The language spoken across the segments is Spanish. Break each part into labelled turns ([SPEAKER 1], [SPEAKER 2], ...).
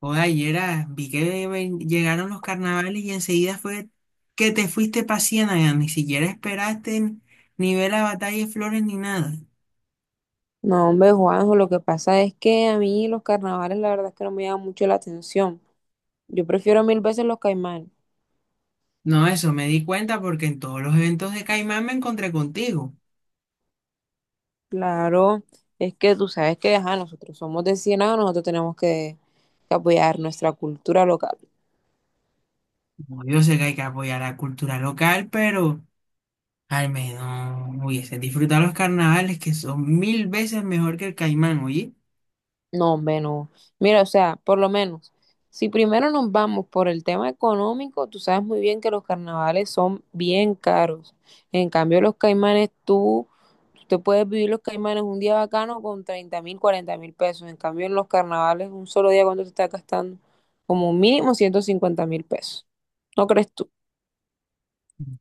[SPEAKER 1] Joder, ayer llegaron los carnavales y enseguida fue que te fuiste para Ciénaga, ni siquiera esperaste ni ver la batalla de flores ni nada.
[SPEAKER 2] No, hombre, Juanjo, lo que pasa es que a mí los carnavales la verdad es que no me llaman mucho la atención. Yo prefiero mil veces los Caimán.
[SPEAKER 1] No, eso me di cuenta porque en todos los eventos de Caimán me encontré contigo.
[SPEAKER 2] Claro, es que tú sabes que, ajá, nosotros somos de Ciénaga, nosotros tenemos que apoyar nuestra cultura local.
[SPEAKER 1] Como yo sé que hay que apoyar la cultura local, pero al menos hubiese disfrutado los carnavales, que son mil veces mejor que el Caimán, oye.
[SPEAKER 2] No, hombre, no. Mira, o sea, por lo menos, si primero nos vamos por el tema económico, tú sabes muy bien que los carnavales son bien caros. En cambio, los Caimanes, tú puedes vivir los Caimanes un día bacano con 30.000, 40.000 pesos. En cambio, en los carnavales, un solo día, ¿cuánto te estás gastando? Como mínimo 150.000 pesos. ¿No crees tú?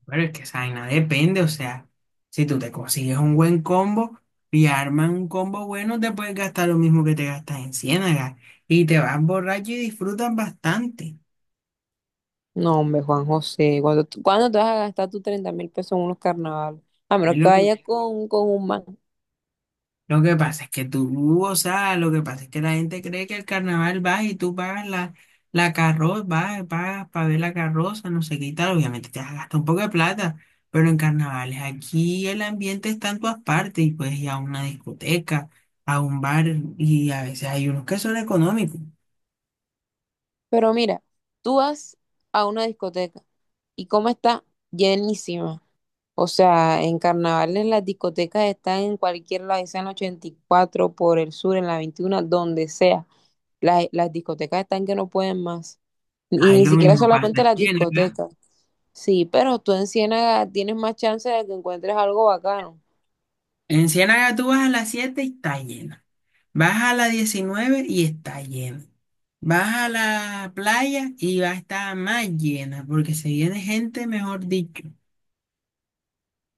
[SPEAKER 1] Pero es que esa vaina depende, o sea, si tú te consigues un buen combo y armas un combo bueno, te puedes gastar lo mismo que te gastas en Ciénaga y te vas borracho y disfrutas bastante.
[SPEAKER 2] No, hombre, Juan José, ¿ cuándo te vas a gastar tus 30.000 pesos en unos carnavales? A menos que vayas con un man.
[SPEAKER 1] Lo que pasa es que tú, o sea, lo que pasa es que la gente cree que el carnaval va y tú pagas la carroza, vas, pagas para ver la carroza, no sé qué y tal. Obviamente te vas a gastar un poco de plata, pero en carnavales aquí el ambiente está en todas partes y puedes ir a una discoteca, a un bar, y a veces hay unos que son económicos.
[SPEAKER 2] Pero mira, tú vas a una discoteca y cómo está llenísima. O sea, en carnavales las discotecas están en cualquier lado, ya sea en la 84 por el sur, en la 21, donde sea. Las discotecas están que no pueden más. Y
[SPEAKER 1] Ahí
[SPEAKER 2] ni
[SPEAKER 1] lo
[SPEAKER 2] siquiera
[SPEAKER 1] mismo pasa
[SPEAKER 2] solamente
[SPEAKER 1] en
[SPEAKER 2] las
[SPEAKER 1] Ciénaga.
[SPEAKER 2] discotecas. Sí, pero tú en Ciénaga tienes más chance de que encuentres algo bacano.
[SPEAKER 1] En Ciénaga tú vas a las 7 y está llena. Vas a las 19 y está llena. Vas a la playa y va a estar más llena porque se viene gente, mejor dicho.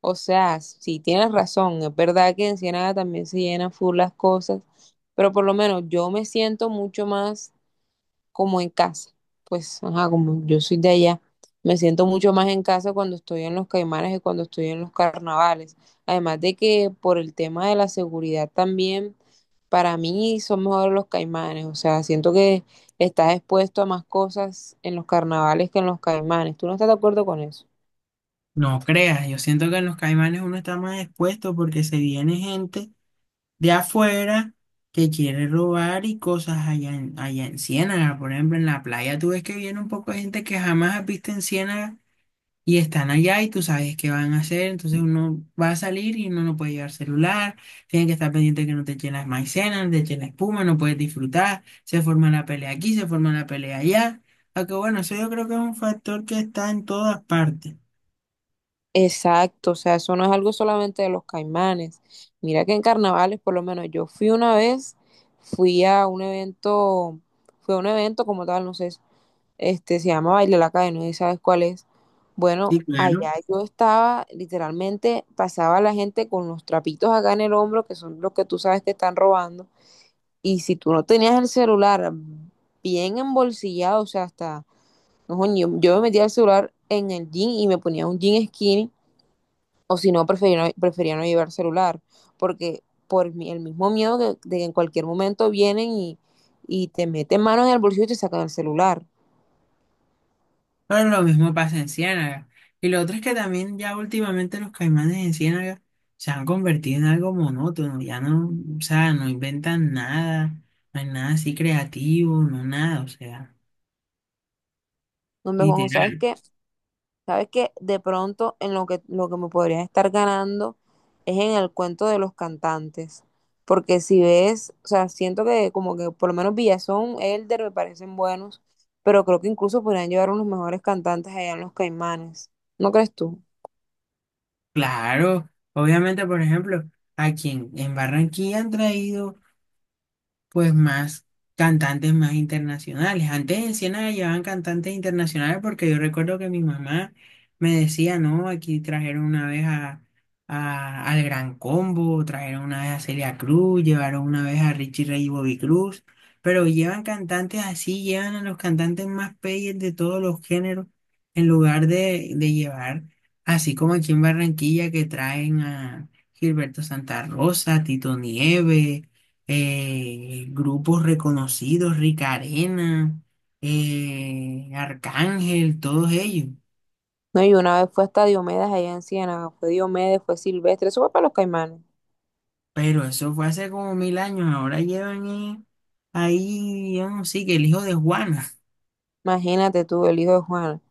[SPEAKER 2] O sea, sí tienes razón, es verdad que en Ciénaga también se llenan full las cosas, pero por lo menos yo me siento mucho más como en casa. Pues, ajá, como yo soy de allá, me siento mucho más en casa cuando estoy en los Caimanes que cuando estoy en los carnavales. Además de que por el tema de la seguridad también para mí son mejores los caimanes, o sea, siento que estás expuesto a más cosas en los carnavales que en los caimanes. ¿Tú no estás de acuerdo con eso?
[SPEAKER 1] No creas, yo siento que en los Caimanes uno está más expuesto porque se viene gente de afuera que quiere robar y cosas allá en Ciénaga. Por ejemplo, en la playa tú ves que viene un poco de gente que jamás has visto en Ciénaga y están allá y tú sabes qué van a hacer, entonces uno va a salir y uno no puede llevar celular, tienen que estar pendiente que no te echen las maicenas, no te echen la espuma, no puedes disfrutar, se forma la pelea aquí, se forma la pelea allá. Aunque bueno, eso yo creo que es un factor que está en todas partes,
[SPEAKER 2] Exacto, o sea, eso no es algo solamente de los caimanes. Mira que en carnavales, por lo menos yo fui una vez, fui a un evento, fue a un evento como tal, no sé, este se llama Baile la Calle, no sé si sabes cuál es.
[SPEAKER 1] sí,
[SPEAKER 2] Bueno,
[SPEAKER 1] claro,
[SPEAKER 2] allá yo estaba, literalmente pasaba la gente con los trapitos acá en el hombro, que son los que tú sabes que están robando. Y si tú no tenías el celular bien embolsillado, o sea, hasta, no, yo me metía el celular en el jean y me ponía un jean skinny, o si no prefería no llevar celular, porque por el mismo miedo de que en cualquier momento vienen y te meten mano en el bolsillo y te sacan el celular.
[SPEAKER 1] pero lo mismo pasa en Ciénaga. Y lo otro es que también ya últimamente los caimanes en Ciénaga se han convertido en algo monótono, ya no, o sea, no inventan nada, no hay nada así creativo, no nada, o sea,
[SPEAKER 2] No me ¿sabes
[SPEAKER 1] literal.
[SPEAKER 2] qué? Sabes que de pronto en lo que me podría estar ganando es en el cuento de los cantantes. Porque si ves, o sea, siento que como que por lo menos Villazón, Elder me parecen buenos, pero creo que incluso podrían llevar unos mejores cantantes allá en los Caimanes. ¿No crees tú?
[SPEAKER 1] Claro, obviamente, por ejemplo, a quien en Barranquilla han traído pues más cantantes, más internacionales. Antes en Siena llevaban cantantes internacionales, porque yo recuerdo que mi mamá me decía, no, aquí trajeron una vez al Gran Combo, trajeron una vez a Celia Cruz, llevaron una vez a Richie Ray y Bobby Cruz, pero llevan cantantes así, llevan a los cantantes más peyes de todos los géneros en lugar de llevar, así como aquí en Barranquilla, que traen a Gilberto Santa Rosa, Tito Nieves, grupos reconocidos, Rica Arena, Arcángel, todos ellos.
[SPEAKER 2] No, y una vez fue hasta Diomedes allá en Ciénaga, fue Diomedes, fue Silvestre, eso fue para los Caimanes.
[SPEAKER 1] Pero eso fue hace como mil años, ahora llevan, ahí, yo no sé, que el hijo de Juana.
[SPEAKER 2] Imagínate tú, el hijo de Juana.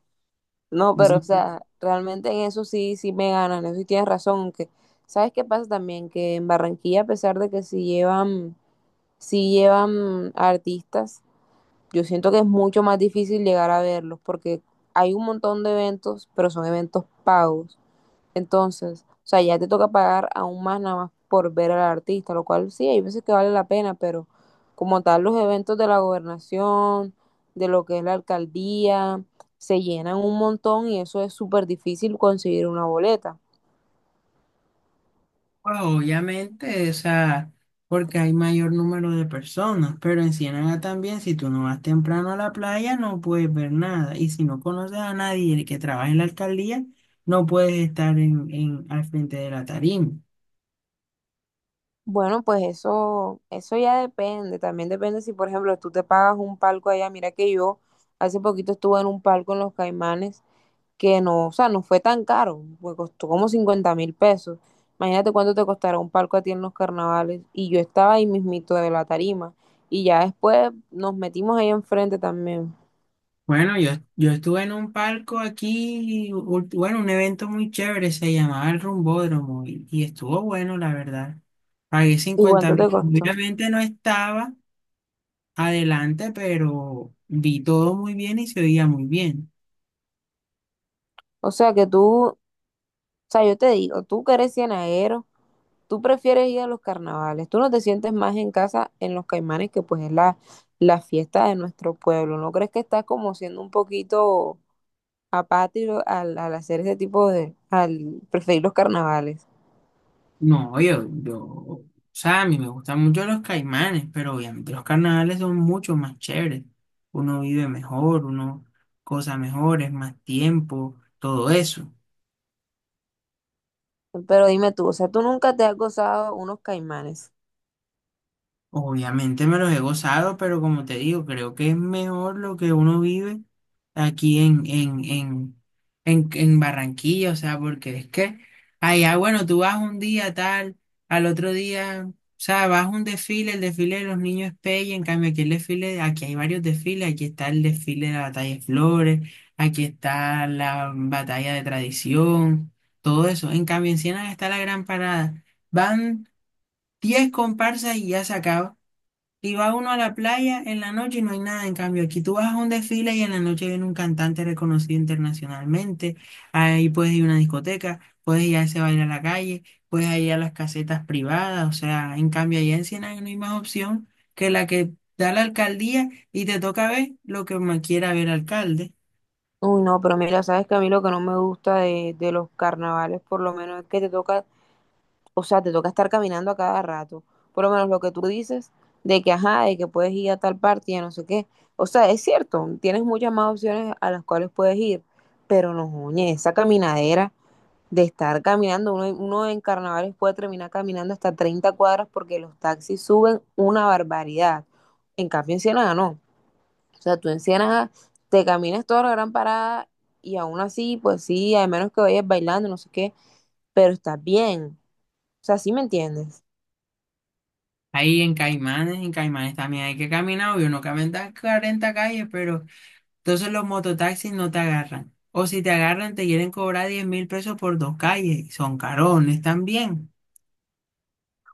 [SPEAKER 2] No,
[SPEAKER 1] Eso
[SPEAKER 2] pero o
[SPEAKER 1] fue,
[SPEAKER 2] sea, realmente en eso sí, sí me ganan, eso sí tienes razón, aunque, ¿sabes qué pasa también? Que en Barranquilla, a pesar de que sí llevan artistas, yo siento que es mucho más difícil llegar a verlos, porque hay un montón de eventos, pero son eventos pagos. Entonces, o sea, ya te toca pagar aún más nada más por ver al artista, lo cual sí, hay veces que vale la pena, pero como tal los eventos de la gobernación, de lo que es la alcaldía, se llenan un montón y eso es súper difícil conseguir una boleta.
[SPEAKER 1] pues, obviamente, o sea, porque hay mayor número de personas, pero en Ciénaga también, si tú no vas temprano a la playa, no puedes ver nada. Y si no conoces a nadie que trabaja en la alcaldía, no puedes estar al frente de la tarima.
[SPEAKER 2] Bueno, pues eso ya depende, también depende si, por ejemplo, tú te pagas un palco allá, mira que yo hace poquito estuve en un palco en Los Caimanes que no, o sea, no fue tan caro, me costó como 50.000 pesos. Imagínate cuánto te costará un palco a ti en los carnavales. Y yo estaba ahí mismito de la tarima. Y ya después nos metimos ahí enfrente también.
[SPEAKER 1] Bueno, yo estuve en un palco aquí, bueno, un evento muy chévere, se llamaba el Rumbódromo, y estuvo bueno, la verdad. Pagué
[SPEAKER 2] ¿Y
[SPEAKER 1] cincuenta
[SPEAKER 2] cuánto te
[SPEAKER 1] mil.
[SPEAKER 2] costó?
[SPEAKER 1] Obviamente no estaba adelante, pero vi todo muy bien y se oía muy bien.
[SPEAKER 2] O sea que tú, o sea, yo te digo, tú que eres ciénaguero, tú prefieres ir a los carnavales. Tú no te sientes más en casa en los Caimanes, que pues es la, la fiesta de nuestro pueblo. ¿No crees que estás como siendo un poquito apático al, al hacer ese tipo de, al preferir los carnavales?
[SPEAKER 1] No, o sea, a mí me gustan mucho los caimanes, pero obviamente los carnavales son mucho más chéveres. Uno vive mejor, uno, cosas mejores, más tiempo, todo eso.
[SPEAKER 2] Pero dime tú, o sea, tú nunca te has gozado unos caimanes.
[SPEAKER 1] Obviamente me los he gozado, pero como te digo, creo que es mejor lo que uno vive aquí en Barranquilla, o sea, porque es que allá, bueno, tú vas un día tal, al otro día, o sea, vas a un desfile, el desfile de los niños es pelle, en cambio aquí el desfile, aquí hay varios desfiles, aquí está el desfile de la batalla de Flores, aquí está la batalla de tradición, todo eso. En cambio en Siena está la gran parada. Van 10 comparsas y ya se acaba. Y va uno a la playa en la noche y no hay nada. En cambio, aquí tú vas a un desfile y en la noche viene un cantante reconocido internacionalmente. Ahí puedes ir a una discoteca, puedes ir a ese baile a la calle, puedes ir a las casetas privadas. O sea, en cambio, allá en Siena no hay más opción que la que da la alcaldía y te toca ver lo que me quiera ver alcalde.
[SPEAKER 2] Uy, no, pero mira, sabes que a mí lo que no me gusta de los carnavales, por lo menos, es que te toca, o sea, te toca estar caminando a cada rato. Por lo menos lo que tú dices de que, ajá, de que puedes ir a tal parte y a no sé qué. O sea, es cierto, tienes muchas más opciones a las cuales puedes ir, pero no, oye, esa caminadera de estar caminando, uno en carnavales puede terminar caminando hasta 30 cuadras porque los taxis suben una barbaridad. En cambio, en Ciénaga no. O sea, tú en Ciénaga te caminas toda la gran parada y aún así, pues sí, a menos que vayas bailando, no sé qué, pero estás bien. O sea, ¿sí me entiendes?
[SPEAKER 1] Ahí en Caimanes también hay que caminar, obvio, no caminar 40 calles, pero entonces los mototaxis no te agarran. O si te agarran, te quieren cobrar $10,000 por dos calles. Y son carones también.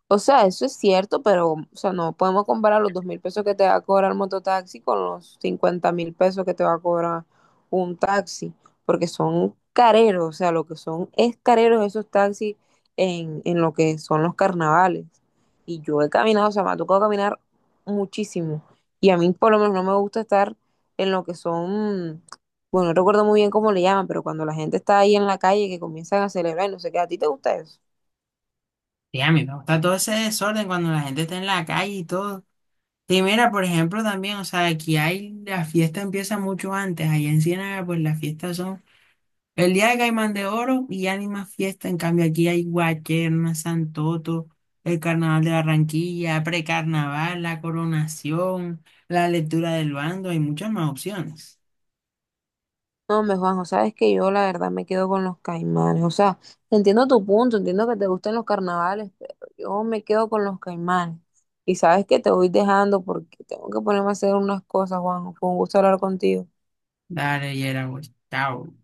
[SPEAKER 2] O sea, eso es cierto, pero o sea, no podemos comparar los 2.000 pesos que te va a cobrar el mototaxi con los 50.000 pesos que te va a cobrar un taxi, porque son careros, o sea, lo que son es careros esos taxis en lo que son los carnavales. Y yo he caminado, o sea, me ha tocado caminar muchísimo. Y a mí por lo menos no me gusta estar en lo que son, bueno, no recuerdo muy bien cómo le llaman, pero cuando la gente está ahí en la calle que comienzan a celebrar y no sé qué, ¿a ti te gusta eso?
[SPEAKER 1] Y a mí me gusta todo ese desorden cuando la gente está en la calle y todo. Y mira, por ejemplo, también, o sea, aquí hay, la fiesta empieza mucho antes. Allá en Ciénaga, pues las fiestas son el día de Caimán de Oro y ya ni más fiesta. En cambio, aquí hay Guacherna, Santoto, el Carnaval de Barranquilla, precarnaval, la coronación, la lectura del bando. Hay muchas más opciones.
[SPEAKER 2] No, me Juanjo, sabes que yo la verdad me quedo con los caimanes. O sea, entiendo tu punto, entiendo que te gustan los carnavales, pero yo me quedo con los caimanes. Y sabes que te voy dejando porque tengo que ponerme a hacer unas cosas, Juanjo. Fue un gusto hablar contigo.
[SPEAKER 1] Dale, Yera, güey. Chao.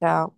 [SPEAKER 2] Chao.